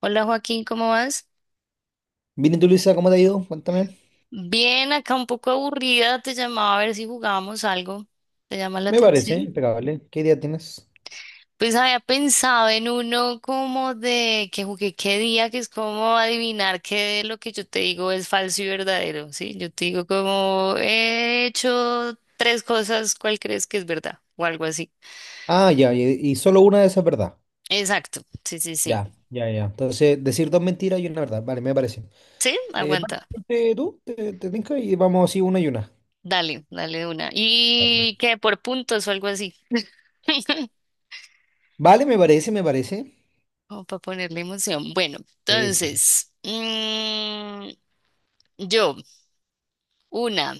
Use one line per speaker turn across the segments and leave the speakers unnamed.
Hola Joaquín, ¿cómo vas?
Bien, ¿y tú, Luisa, cómo te ha ido? Cuéntame.
Bien, acá un poco aburrida, te llamaba a ver si jugábamos algo. ¿Te llama la
Me parece
atención?
impecable. ¿Qué idea tienes?
Pues había pensado en uno como de que jugué qué día, que es como adivinar qué de lo que yo te digo es falso y verdadero, ¿sí? Yo te digo como he hecho tres cosas, ¿cuál crees que es verdad? O algo así.
Ah, ya, y solo una de esas es verdad.
Exacto, sí, sí, sí.
Ya, ya, ya. Entonces, decir dos mentiras y una verdad. Vale, me parece.
Sí,
Vale,
aguanta.
ponte tú, te tinca y vamos así una y una.
Dale, dale de una. ¿Y
Perfecto.
qué? ¿Por puntos o algo así?
Vale, me parece, me parece.
Como para ponerle emoción. Bueno,
Sí, sí, sí.
entonces, yo, una,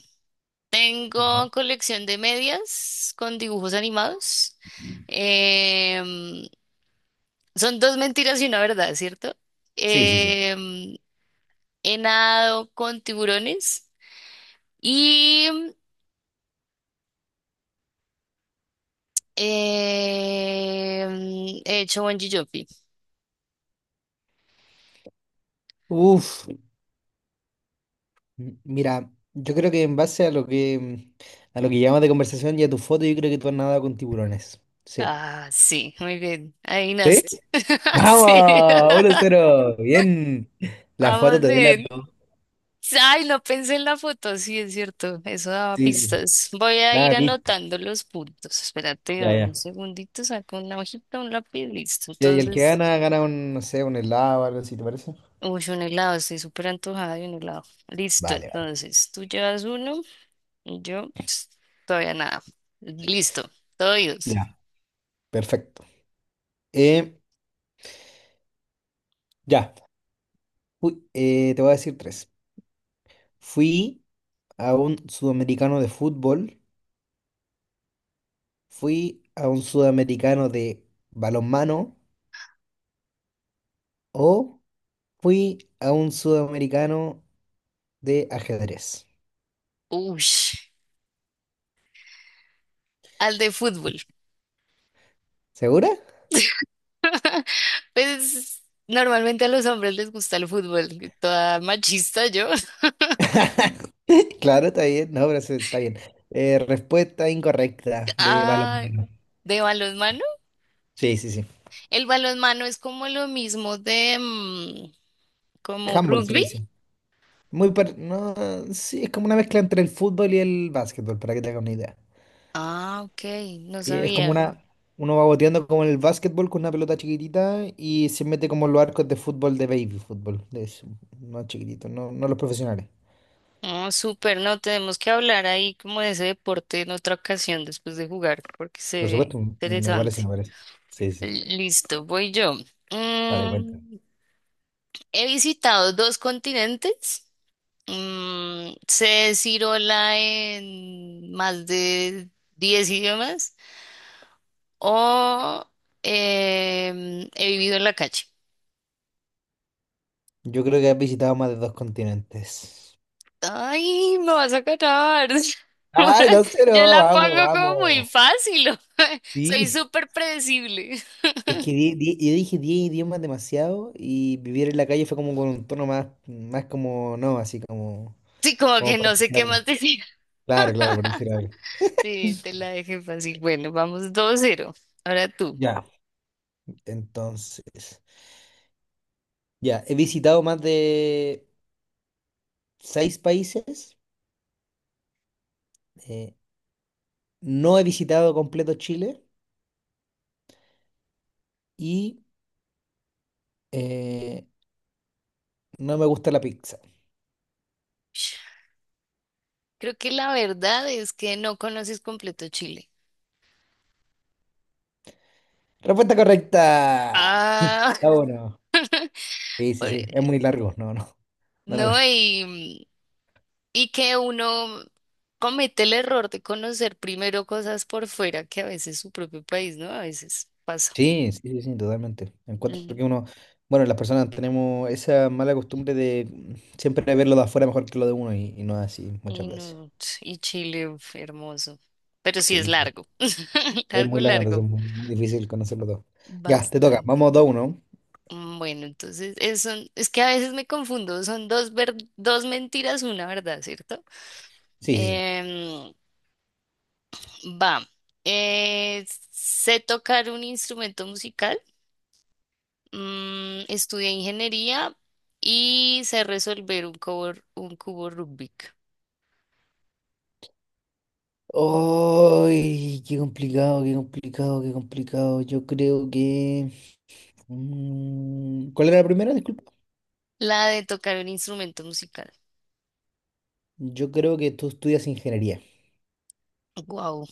Ya.
tengo colección de medias con dibujos animados. Em, Son dos mentiras y una verdad, ¿cierto?
Sí, sí, sí.
Em, He nadado con tiburones y he hecho bungee jumping.
Uf, mira, yo creo que en base a lo que llamas de conversación y a tu foto, yo creo que tú has nadado con tiburones. Sí.
Ah, sí, muy bien. Ahí nace.
¿Sí?
Sí.
¡Vamos! Uno cero. Bien. La foto
Vamos
te
bien.
delato.
Ay, no pensé en la foto, sí, es cierto, eso daba
Sí, sí.
pistas. Voy a
Nada,
ir
de pistas.
anotando los puntos. Espérate,
Ya,
dame un
ya.
segundito, saco una hojita, un lápiz, listo.
Y el que
Entonces,
gana, gana un, no sé, un helado o algo así, ¿te parece?
uy, un helado, estoy súper antojada de un helado. Listo,
Vale, vale.
entonces, tú llevas uno y yo ps, todavía nada. Listo, todo oídos.
Ya. Perfecto. Eh, ya. Te voy a decir tres. Fui a un sudamericano de fútbol, fui a un sudamericano de balonmano o fui a un sudamericano de ajedrez.
Uy, al de fútbol.
¿Segura?
Pues normalmente a los hombres les gusta el fútbol, toda machista yo.
Claro, está bien. No, pero eso está bien. Respuesta incorrecta, de
Ah,
balonmano.
de balonmano.
Sí, sí, sí.
El balonmano es como lo mismo de como
Handball se le
rugby.
dice. No, sí, es como una mezcla entre el fútbol y el básquetbol, para que te hagas una idea.
Ah, ok, no
Y es como
sabía.
una, uno va boteando como en el básquetbol con una pelota chiquitita y se mete como en los arcos de fútbol de baby fútbol, de eso, no chiquitito no, no los profesionales.
Oh, súper, no, tenemos que hablar ahí como de ese deporte en otra ocasión después de jugar, porque se
Por
ve
supuesto, me parece,
interesante.
me parece. Sí, sí,
Listo, voy yo.
dale cuenta.
Mm, He visitado dos continentes. Sé decir hola en más de 10 idiomas o he vivido en la calle.
Yo creo que has visitado más de dos continentes.
Ay, me vas a catar.
Ay, no sé,
Yo
no,
la
vamos,
pongo como muy
vamos.
fácil. Soy
Sí.
súper predecible.
Es que yo dije 10 idiomas demasiado y vivir en la calle fue como con un tono más, más como, no, así como,
Sí, como
como
que
por
no sé
decir
qué
algo.
más decir.
Claro, claro, por decir algo.
Sí, te la dejé fácil. Bueno, vamos 2-0. Ahora tú.
Ya, entonces, ya, he visitado más de seis países, eh, no he visitado completo Chile y eh, no me gusta la pizza.
Creo que la verdad es que no conoces completo Chile.
Respuesta correcta.
Ah,
Ah, bueno. Sí, sí, sí, es muy largo, no, no, no la.
no, y que uno comete el error de conocer primero cosas por fuera que a veces su propio país, ¿no? A veces pasa.
Sí, sí, sí, sí, totalmente. Encuentro que uno, bueno, las personas tenemos esa mala costumbre de siempre ver lo de afuera mejor que lo de uno y no es así muchas
Y,
veces.
no- y Chile, uf, hermoso. Pero sí es
Sí, pues,
largo.
es
Largo,
muy largo, entonces
largo.
es muy, muy difícil conocerlo todo. Ya, te toca,
Bastante.
vamos dos uno.
Bueno, entonces es que a veces me confundo. Son dos mentiras, una verdad, ¿cierto?
Sí, sí, sí.
Em, Va. Eh, Sé tocar un instrumento musical. Estudié ingeniería y sé resolver un cubo Rubik.
¡Ay! Qué complicado, qué complicado, qué complicado. Yo creo que... mm, ¿cuál era la primera? Disculpa.
La de tocar un instrumento musical.
Yo creo que tú estudias ingeniería.
Wow,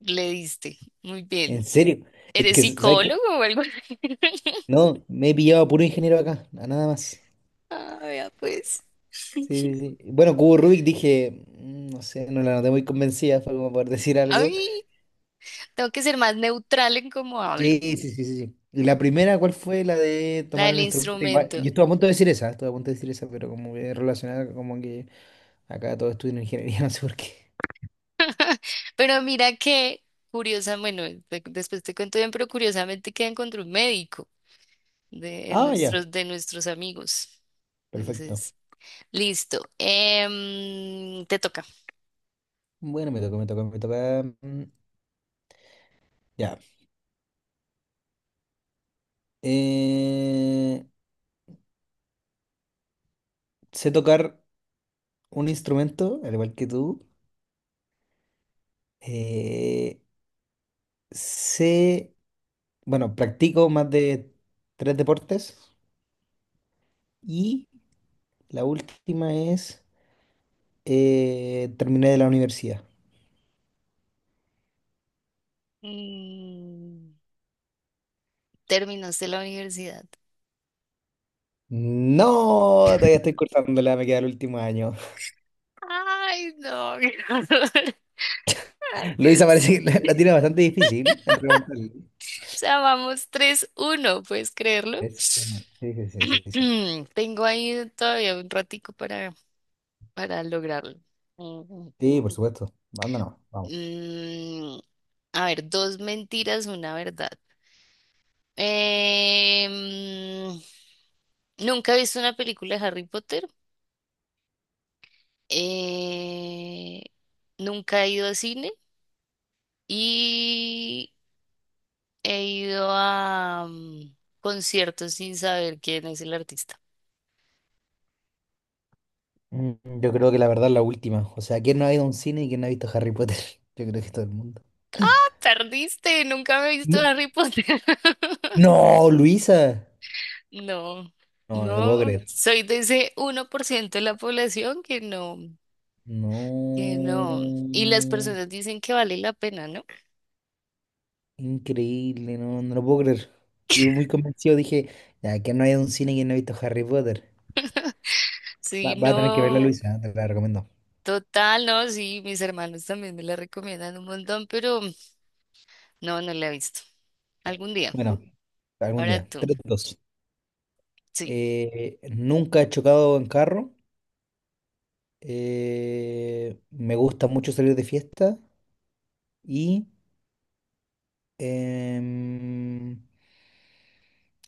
le diste. Muy bien.
¿En serio? Es
¿Eres
que, ¿sabes qué?
psicólogo o algo así?
No, me he pillado a puro ingeniero acá, a nada más.
Ah, vea, pues.
Sí, sí, sí. Bueno, Cubo Rubik dije, mm, no sé, no la noté muy convencida, fue como por decir algo.
Ay, tengo que ser más neutral en cómo
Sí,
hablo,
sí, sí, sí, sí. Y la primera, ¿cuál fue la de
la
tomar
del
un instrumento? Igual,
instrumento.
yo estuve a punto de decir esa, estuve a punto de decir esa, pero como que relacionada, como que acá todos estudian ingeniería, no sé por qué.
Pero mira que, curiosa, bueno, después te cuento bien, pero curiosamente que encontré un médico de, en
Ah, ya,
nuestros, de nuestros amigos.
perfecto.
Entonces, listo. Te toca.
Bueno, me toca, me toca, me toca. Mm, ya. Eh, sé tocar un instrumento, al igual que tú. Eh, sé, bueno, practico más de tres deportes. Y la última es, terminé de la universidad.
Mm, Terminaste la universidad.
No, todavía estoy cursándola, me queda el último año.
Ay, no. Ay,
Luisa
Dios.
parece que la tiene bastante difícil en remontar.
Sea, vamos 3-1, ¿puedes creerlo?
Es- Sí, sí, sí, sí, sí. Sí.
Tengo ahí todavía un ratico para lograrlo. Mm,
Sí, por supuesto. Anda nomás, vamos.
mm, a ver, dos mentiras, una verdad. Em, Nunca he visto una película de Harry Potter. Eh, Nunca he ido a cine y he ido a conciertos sin saber quién es el artista.
Mm, yo creo que la verdad es la última. O sea, ¿quién no ha ido a un cine y quién no ha visto Harry Potter? Yo creo que todo el mundo.
Tardiste, nunca me he visto
No,
Harry Potter.
no, Luisa.
No,
No, no te puedo
no,
creer.
soy de ese 1% de la población que no, que no. Y las
No.
personas dicen que vale la pena, ¿no?
Increíble, no, no lo puedo creer. Yo muy convencido dije, ya que no hay un cine que no ha visto Harry Potter. Va,
Sí,
va a tener que verla,
no,
Luisa, ¿eh? Te la recomiendo.
total, no, sí, mis hermanos también me la recomiendan un montón, pero no, no la he visto. Algún día,
Bueno, algún
ahora
día.
tú,
Tres dos.
sí,
Nunca he chocado en carro. Me gusta mucho salir de fiesta. Y em,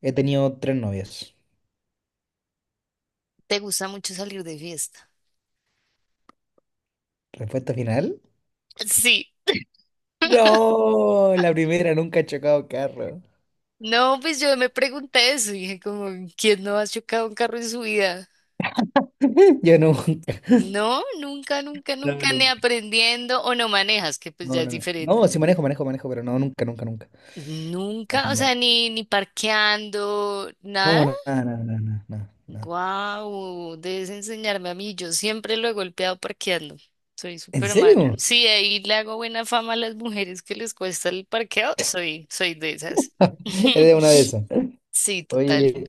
he tenido tres novias.
¿te gusta mucho salir de fiesta?
Respuesta final.
Sí,
No, la primera, nunca he chocado en carro.
no, pues yo me pregunté eso, y dije como, ¿quién no ha chocado un carro en su vida?
Yo nunca.
No, nunca, nunca,
No,
nunca, ni
nunca.
aprendiendo o no manejas, que pues ya
No,
es
no, no.
diferente.
No, sí manejo, manejo, manejo, pero no, nunca, nunca, nunca. No,
Nunca, o sea, ni parqueando, nada.
no, no, nada, nada, nada, nada, nada.
Guau, debes enseñarme a mí. Yo siempre lo he golpeado parqueando. Soy
¿En
súper mala.
serio?
Sí, ahí le hago buena fama a las mujeres que les cuesta el parqueo. Soy de esas.
Eres una de esas.
Sí, total.
Oye,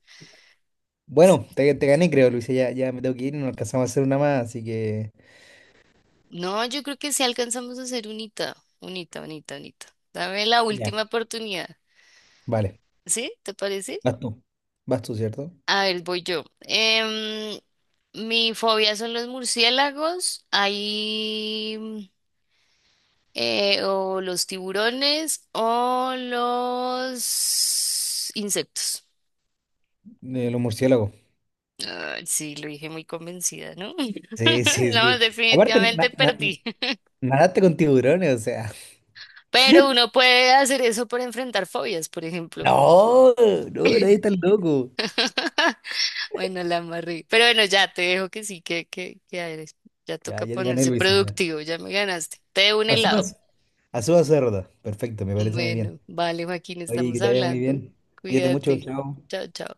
bueno, te gané, creo, Luisa. Ya, ya me tengo que ir, no alcanzamos a hacer una más, así que.
No, yo creo que sí alcanzamos a ser unita, unita, unita, unita. Dame la
Ya.
última oportunidad.
Vale,
¿Sí? ¿Te parece?
vas tú. Vas tú, ¿cierto?
A ver, voy yo. Mi fobia son los murciélagos, ahí o los tiburones o los insectos.
De los murciélagos.
Ay, sí, lo dije muy convencida, ¿no?
Sí, sí,
No,
sí. Aparte,
definitivamente perdí.
nadaste con tiburones, o sea.
Pero uno puede hacer eso por enfrentar fobias, por ejemplo.
No, no, nadie tan loco.
Bueno, la amarré. Pero bueno, ya te dejo que sí, que eres. Ya
Ya,
toca
ya te gané,
ponerse
Luisa. Ya.
productivo, ya me ganaste. Te debo un helado.
Asumas. Asumas, cerda. Perfecto, me parece muy bien.
Bueno, vale, Joaquín,
Oye,
estamos
que te vaya muy
hablando.
bien. Cuídate mucho,
Cuídate.
chao.
Chao, chao.